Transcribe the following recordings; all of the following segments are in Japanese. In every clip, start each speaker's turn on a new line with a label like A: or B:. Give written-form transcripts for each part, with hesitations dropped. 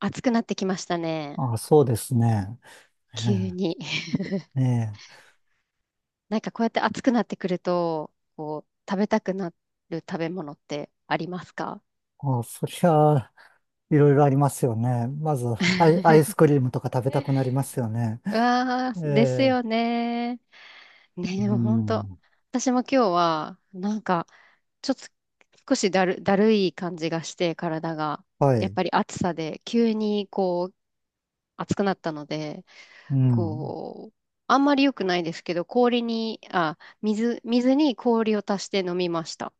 A: 暑くなってきましたね。
B: あ、そうですね。
A: 急に。
B: え え、ねえ。
A: なんかこうやって暑くなってくると、こう、食べたくなる食べ物ってありますか？
B: あ、そりゃあ、いろいろありますよね。まずアイ、アイス クリームとか食べたく
A: う
B: なりますよね。
A: わ
B: え
A: ー、です
B: え、
A: よね。ねえ、
B: う
A: もうほんと。
B: ん。
A: 私も今日は、なんか、ちょっと少しだるい感じがして、体が。
B: は
A: やっ
B: い。
A: ぱり暑さで、急にこう、暑くなったので、
B: うん。
A: こう、あんまり良くないですけど、氷に、あ、水に氷を足して飲みました。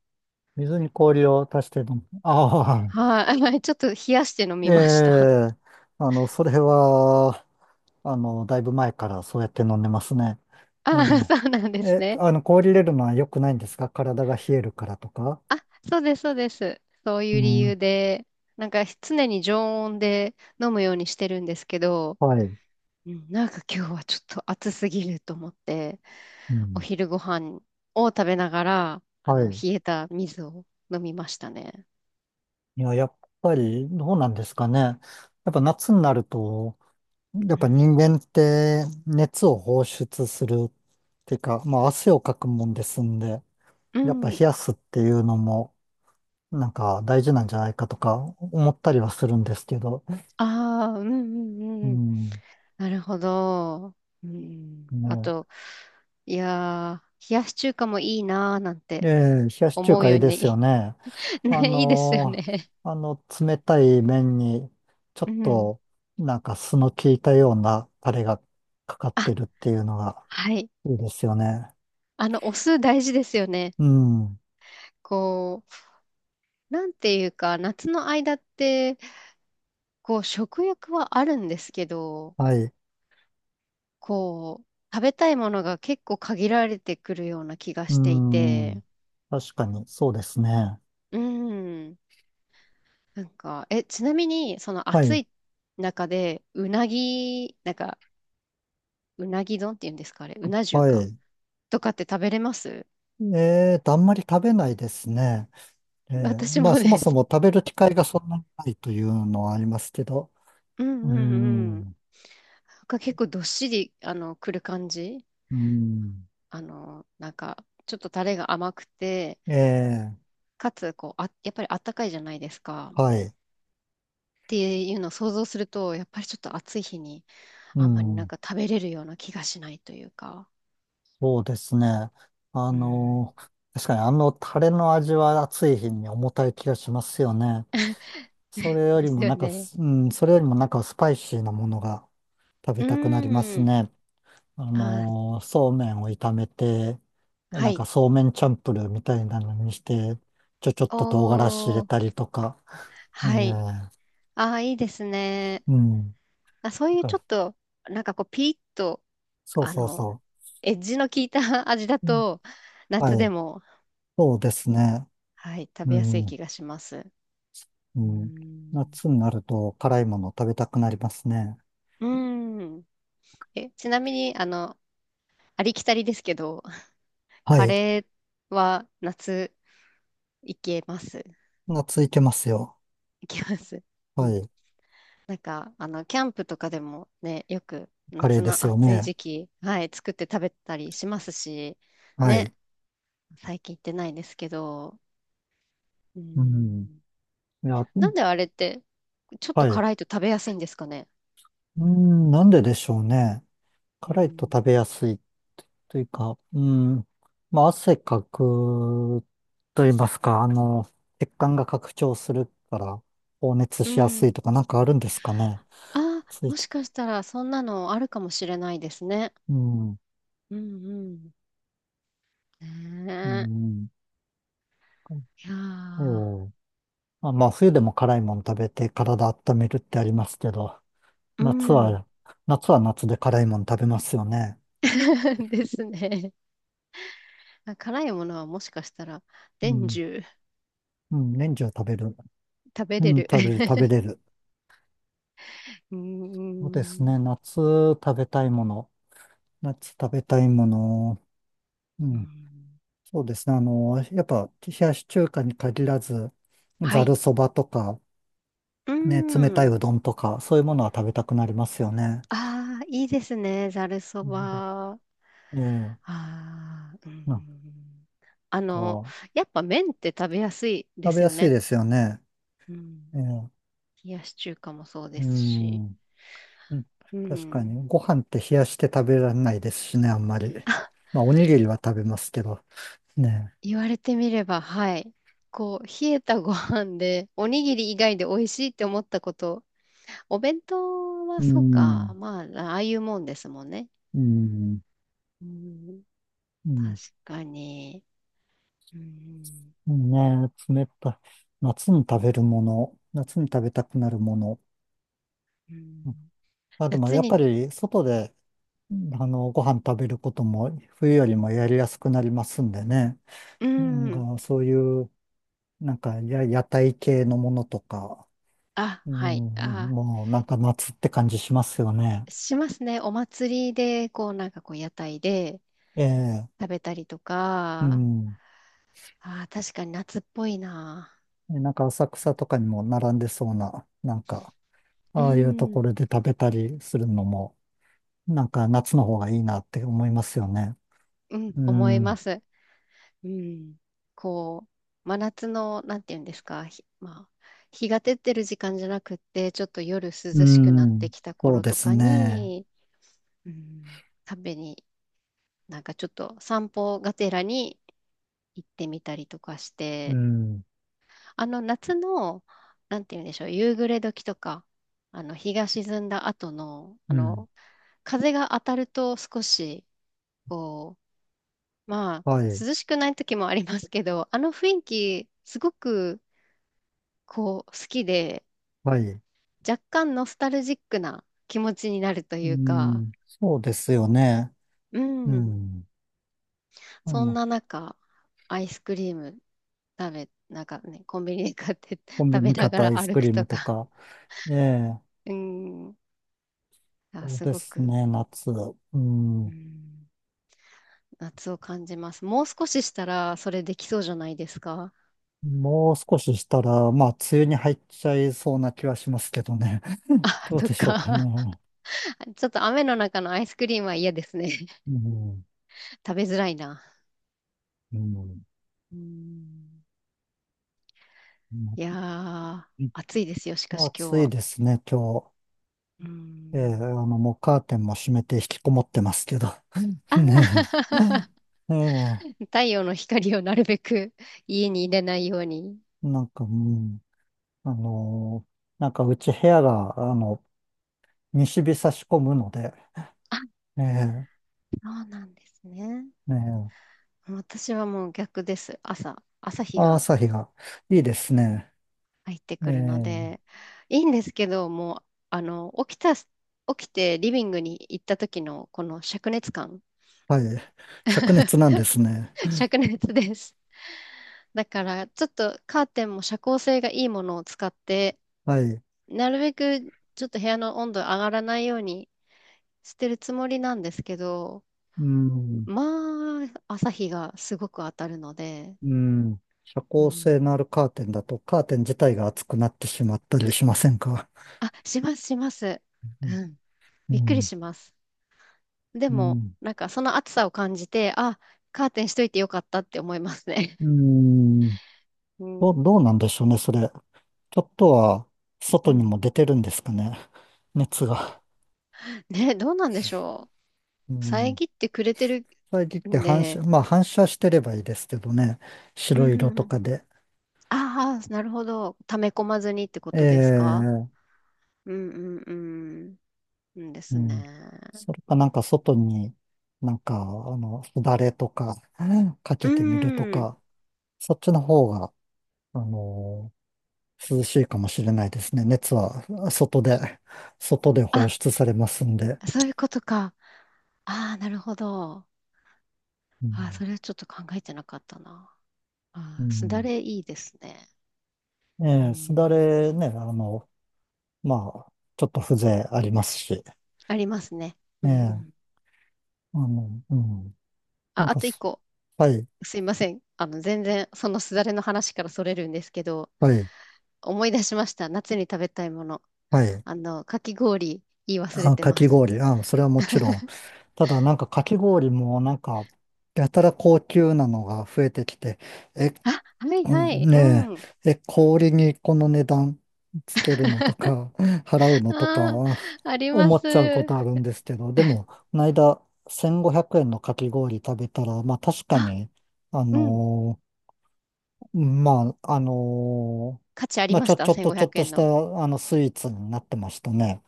B: 水に氷を足して飲む。ああ、
A: はい、ちょっと冷やして飲
B: え
A: みました。
B: え、それは、だいぶ前からそうやって飲んでますね。え
A: ああ、そうなんで
B: え。
A: す
B: え、
A: ね。
B: 氷入れるのは良くないんですか？体が冷えるからとか。
A: あ、そうです、そうです。そう
B: う
A: いう理
B: ん。
A: 由で、なんか常に常温で飲むようにしてるんですけど、
B: はい。
A: うん、なんか今日はちょっと暑すぎると思って、
B: う
A: お
B: ん。
A: 昼ご飯を食べながら、あ
B: は
A: の、
B: い。
A: 冷えた水を飲みましたね。
B: いや、やっぱりどうなんですかね。やっぱ夏になると、やっ
A: う
B: ぱ
A: ん。
B: 人間って熱を放出するっていうか、まあ汗をかくもんですんで、
A: う
B: やっぱ冷
A: ん、
B: やすっていうのもなんか大事なんじゃないかとか思ったりはするんですけど、
A: ああ、うんう
B: う
A: んうん。
B: ん、
A: なるほど。うん。あ
B: ね。
A: と、いやー、冷やし中華もいいなーなん
B: え
A: て。
B: え、冷やし中
A: 思う
B: 華い
A: よ
B: い
A: う
B: ですよ
A: に。
B: ね。あ
A: ね、いいですよ
B: のー
A: ね。
B: あの冷たい麺にちょ
A: う
B: っ
A: ん。
B: となんか酢の効いたようなタレがかかっ
A: あ、
B: てるっていうのが。
A: はい。
B: いいですよね。
A: あの、お酢大事ですよね。
B: うん。
A: こう、なんていうか、夏の間って、こう、食欲はあるんですけど、
B: はい。
A: こう、食べたいものが結構限られてくるような気が
B: う
A: してい
B: ん。
A: て、
B: 確かに、そうですね。
A: うん。なんか、え、ちなみに、その
B: は
A: 暑
B: い。
A: い中で、うなぎ、なんか、うなぎ丼っていうんですか、あれ、うな重
B: は
A: か
B: い。
A: とかって食べれます？
B: あんまり食べないですね。
A: 私
B: まあ、
A: もね、
B: そもそも食べる機会がそんなにないというのはありますけど。
A: うん
B: う
A: うんうん。な
B: ん。
A: んか結構どっしり、あの、くる感じ、
B: うん。
A: あの、なんか、ちょっとタレが甘くて、
B: ええ、
A: かつ、こう、あ、やっぱりあったかいじゃないですか。っ
B: はい。
A: ていうのを想像すると、やっぱりちょっと暑い日に、
B: う
A: あんまりなん
B: ん。
A: か食べれるような気がしないというか。
B: そうですね。あ
A: うん。
B: の、確かにあのタレの味は暑い日に重たい気がしますよね。それよ
A: で
B: り
A: す
B: も
A: よ
B: なんか、
A: ね。
B: うん、それよりもなんかスパイシーなものが。食べ
A: う
B: たくなります
A: ーん。
B: ね。
A: あー、
B: そうめんを炒めて、
A: は
B: なん
A: い。
B: かそうめんチャンプルーみたいなのにして、ちょっと唐辛子入
A: お
B: れ
A: ー、
B: たりとか、ええ
A: はい。あー、いいですね。
B: うん。だ
A: あ、そういう
B: か
A: ちょ
B: ら
A: っと、なんかこう、ピリッと、
B: そう
A: あ
B: そう
A: の、
B: そ
A: エッジの効いた 味だ
B: う。うん
A: と、
B: は
A: 夏で
B: い。
A: も、
B: そうですね。
A: はい、食
B: う
A: べやすい
B: ん。
A: 気がします。う
B: う
A: ー
B: ん。
A: ん。
B: 夏になると辛いもの食べたくなりますね。
A: うーん。え、ちなみに、あの、ありきたりですけど、
B: は
A: カ
B: い。
A: レーは夏いけます？
B: 夏いけますよ。
A: いけます。う
B: は
A: ん。
B: い。
A: なんか、あの、キャンプとかでもね、よく
B: カレー
A: 夏
B: で
A: の
B: すよ
A: 暑い
B: ね。
A: 時期、はい、作って食べたりしますし、
B: はい。
A: ね、最近行ってないですけど、うー
B: うん。
A: ん。
B: いや、う
A: な
B: ん
A: んであれって、ちょっ
B: は
A: と
B: い。
A: 辛いと食べやすいんですかね。
B: うん、なんででしょうね。
A: う
B: 辛いと
A: ん
B: 食べやすいというか、うん、まあ、汗かくと言いますか、血管が拡張するから放熱
A: う
B: しやすい
A: ん。
B: とかなんかあるんですかね。
A: あ、
B: つい
A: も
B: て。
A: しかしたらそんなのあるかもしれないですね。
B: うん、
A: うんうん。
B: う
A: ね
B: ん。
A: え。いや
B: ええ
A: ー、
B: まあ、冬でも辛いもの食べて体温めるってありますけど、
A: う
B: 夏
A: ん。
B: は、夏は夏で辛いもの食べますよね。
A: ですね。あ、辛いものはもしかしたら
B: う
A: 年
B: ん、
A: 中
B: うん、年中食べる。
A: 食べ
B: う
A: れ
B: ん、
A: る。
B: 食べる、食べ れる。
A: う
B: そうですね。
A: ん。
B: 夏食べたいもの。夏食べたいもの。う
A: う
B: ん
A: ん、
B: そうですね。やっぱ、冷やし中華に限らず、
A: は
B: ざる
A: い。
B: そばとか、
A: う
B: ね、冷たい
A: ん。
B: うどんとか、そういうものは食べたくなりますよね。
A: ああ、いいですね。ざるそ
B: うん
A: ば。あ
B: ええ、
A: あ、う
B: なん
A: ん。あの、
B: か、
A: やっぱ麺って食べやすいで
B: 食べ
A: す
B: や
A: よ
B: すい
A: ね。
B: ですよね。
A: うん。
B: ええ、
A: 冷やし中華もそうで
B: う
A: す
B: ん、
A: し、
B: うん
A: う
B: 確か
A: ん。
B: に、ご飯って冷やして食べられないですしね、あんまり。まあ、おにぎりは食べますけど、ね。
A: 言われてみれば、はい。こう、冷えたご飯で、おにぎり以外で美味しいって思ったこと、お弁当は
B: う
A: そうか、
B: ん、
A: まあ、ああいうもんですもんね。
B: うん、
A: うん、
B: う
A: 確
B: ん、
A: かに。うん、
B: んね、冷たい。夏に食べるもの、夏に食べたくなるもの。
A: うん、
B: あ、でも
A: 夏
B: やっ
A: に、
B: ぱり外で、ご飯食べることも冬よりもやりやすくなりますんでね。
A: う
B: なん
A: ん、
B: かそういう、なんか屋台系のものとか、
A: あ、
B: うん、
A: はい、あ、
B: もうなんか夏って感じしますよね。
A: しますね。お祭りで、こう、なんかこう、屋台で
B: ええ、
A: 食べたりと
B: う
A: か、
B: ん。
A: あ、確かに夏っぽいな。
B: でなんか浅草とかにも並んでそうな、なんか、
A: う
B: ああいうと
A: ん
B: ころで食べたりするのも、なんか夏の方がいいなって思いますよね。
A: うん、
B: う
A: 思いま
B: ん、
A: す。うん。こう、真夏の、なんていうんですか、ひまあ、日が照ってる時間じゃなくって、ちょっと夜涼
B: う
A: しくなって
B: ん、
A: きた
B: そう
A: 頃
B: で
A: と
B: す
A: か
B: ね。
A: に、うん、食べに、なんかちょっと散歩がてらに行ってみたりとかし
B: う
A: て、
B: ん、
A: あの夏の、なんていうんでしょう、夕暮れ時とか、あの日が沈んだ後の、あ
B: うん。
A: の、風が当たると少し、こう、まあ、
B: はい。
A: 涼しくない時もありますけど、あの雰囲気、すごく、こう、好きで、
B: はい。
A: 若干ノスタルジックな気持ちになると
B: う
A: いうか、
B: ん、そうですよね。
A: う
B: う
A: ん。
B: ん。あ
A: そん
B: の、
A: な中、アイスクリームなんかね、コンビニで買って
B: コ ンビ
A: 食べ
B: ニ買
A: な
B: っ
A: が
B: たアイ
A: ら
B: ス
A: 歩
B: ク
A: く
B: リーム
A: と
B: と
A: か、
B: か。ええ、
A: うん。あ、
B: そう
A: す
B: で
A: ご
B: す
A: く、
B: ね、夏。う
A: う
B: ん。
A: ん、夏を感じます。もう少ししたら、それできそうじゃないですか。
B: もう少ししたら、まあ、梅雨に入っちゃいそうな気はしますけどね。
A: あ、
B: どう
A: と
B: でしょうか
A: か、
B: ね。
A: ちょっと雨の中のアイスクリームは嫌ですね。
B: うん。
A: 食べづらいな。
B: うん。
A: うん。いやー、暑いですよ、しか
B: まあ
A: し今日
B: 暑い
A: は。
B: ですね、今日。
A: う
B: ええ、
A: ん。
B: もうカーテンも閉めて引きこもってますけど。
A: あ
B: ね え。ええ、
A: 太陽の光をなるべく家に入れないように。
B: なんか、うん。あのーなんかうち部屋が、西日差し込むので、
A: あ、
B: ええ、
A: そうなんですね。
B: え、
A: 私はもう逆です。朝日
B: あ
A: が
B: 朝日がいいですね。
A: 入って
B: え
A: くるの
B: え、
A: で、いいんですけど、もう、あの、起きてリビングに行った時のこの灼熱感、
B: はい。灼熱なんですね。
A: 灼熱です。だから、ちょっとカーテンも遮光性がいいものを使って、
B: はい。
A: なるべくちょっと部屋の温度上がらないようにしてるつもりなんですけど、
B: うん、
A: まあ、朝日がすごく当たるので、
B: うん。遮
A: う
B: 光性
A: ん。
B: のあるカーテンだと、カーテン自体が熱くなってしまったりしませんか？
A: あ、します、します。
B: うん、
A: うん。びっく
B: う
A: り
B: ん、
A: します。で
B: う
A: も、
B: ん。
A: なんかその暑さを感じて、あ、カーテンしといてよかったって思いますね。
B: うん
A: う
B: ど
A: ん。
B: う、どうなんでしょうね、それ。ちょっとは、
A: う
B: 外に
A: ん。
B: も出てるんですかね。熱が。
A: ね、どうなんでしょ
B: う
A: う。
B: ん
A: 遮ってくれてる
B: 遮って
A: ん
B: 反射、
A: で、
B: まあ反射してればいいですけどね。
A: う
B: 白色と
A: ん。
B: かで。
A: ああ、なるほど。溜め込まずにってことですか？
B: ええ
A: うんうんうん。うんで
B: う
A: す
B: ん。
A: ね。
B: それかなんか外に、なんか、すだれとか、か
A: う
B: けてみると
A: ん。
B: か、そっちの方が、あの涼しいかもしれないですね。熱は外で、外で
A: あ、
B: 放出されますんで。
A: そういうことか。ああ、なるほど。
B: う
A: ああ、
B: ん。
A: それはちょっと考えてなかったな。
B: う
A: ああ、すだ
B: ん、
A: れいいですね。う
B: ええすだ
A: ん。
B: れね、まあ、ちょっと風情ありますし。
A: ありますね。うんう
B: え
A: ん。
B: えうん。なん
A: あ、あ
B: か
A: と一
B: そ、
A: 個。
B: はい、
A: すいません。あの、全然、そのすだれの話からそれるんですけど、
B: はい。
A: 思い出しました。夏に食べたいもの。
B: はい。
A: あの、かき氷、言い忘れ
B: あ、
A: て
B: か
A: ま
B: き
A: す。
B: 氷。あ、それはもちろん。ただ、なんかかき氷も、なんか、やたら高級なのが増えてきて、え、
A: あ、はいはい。う
B: ね
A: ん。
B: え、え、氷にこの値段つけるのとか、払うのとか、
A: ああ、ありま
B: 思
A: す。
B: っちゃうことあるんですけど、でも、この間、1500円のかき氷食べたら、まあ確か
A: あ、
B: に、あ
A: うん。
B: のーまあ、あのー
A: 価値あり
B: まあ
A: ま
B: ち
A: し
B: ょ、
A: た。
B: ちょっと、
A: 1500
B: ちょっと
A: 円
B: した、
A: の。
B: スイーツになってましたね。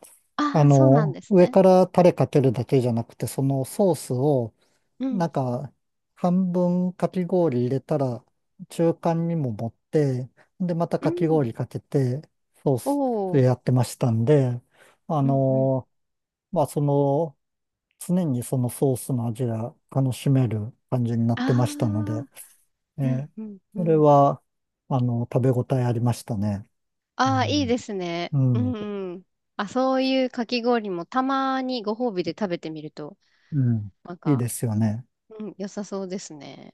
A: ああ、そうなんです
B: 上
A: ね。
B: からタレかけるだけじゃなくて、そのソースを、
A: う
B: な
A: ん。
B: んか、半分かき氷入れたら、中間にも持って、で、また
A: う
B: かき
A: ん。
B: 氷かけて、ソー
A: お
B: スで
A: お。
B: やってましたんで、あ
A: うんうん。
B: の、まあ、常にそのソースの味が楽しめる感じにな
A: あ
B: っ
A: あ。
B: てましたので、え
A: うん
B: ー
A: うんう
B: それ
A: ん。
B: は、食べ応えありましたね。う
A: ああ、いい
B: ん、
A: ですね。
B: う
A: うん
B: ん、
A: うん。あ、そういうかき氷もたまにご褒美で食べてみると、
B: うん、
A: なん
B: いいで
A: か、
B: すよね。
A: うん、良さそうですね。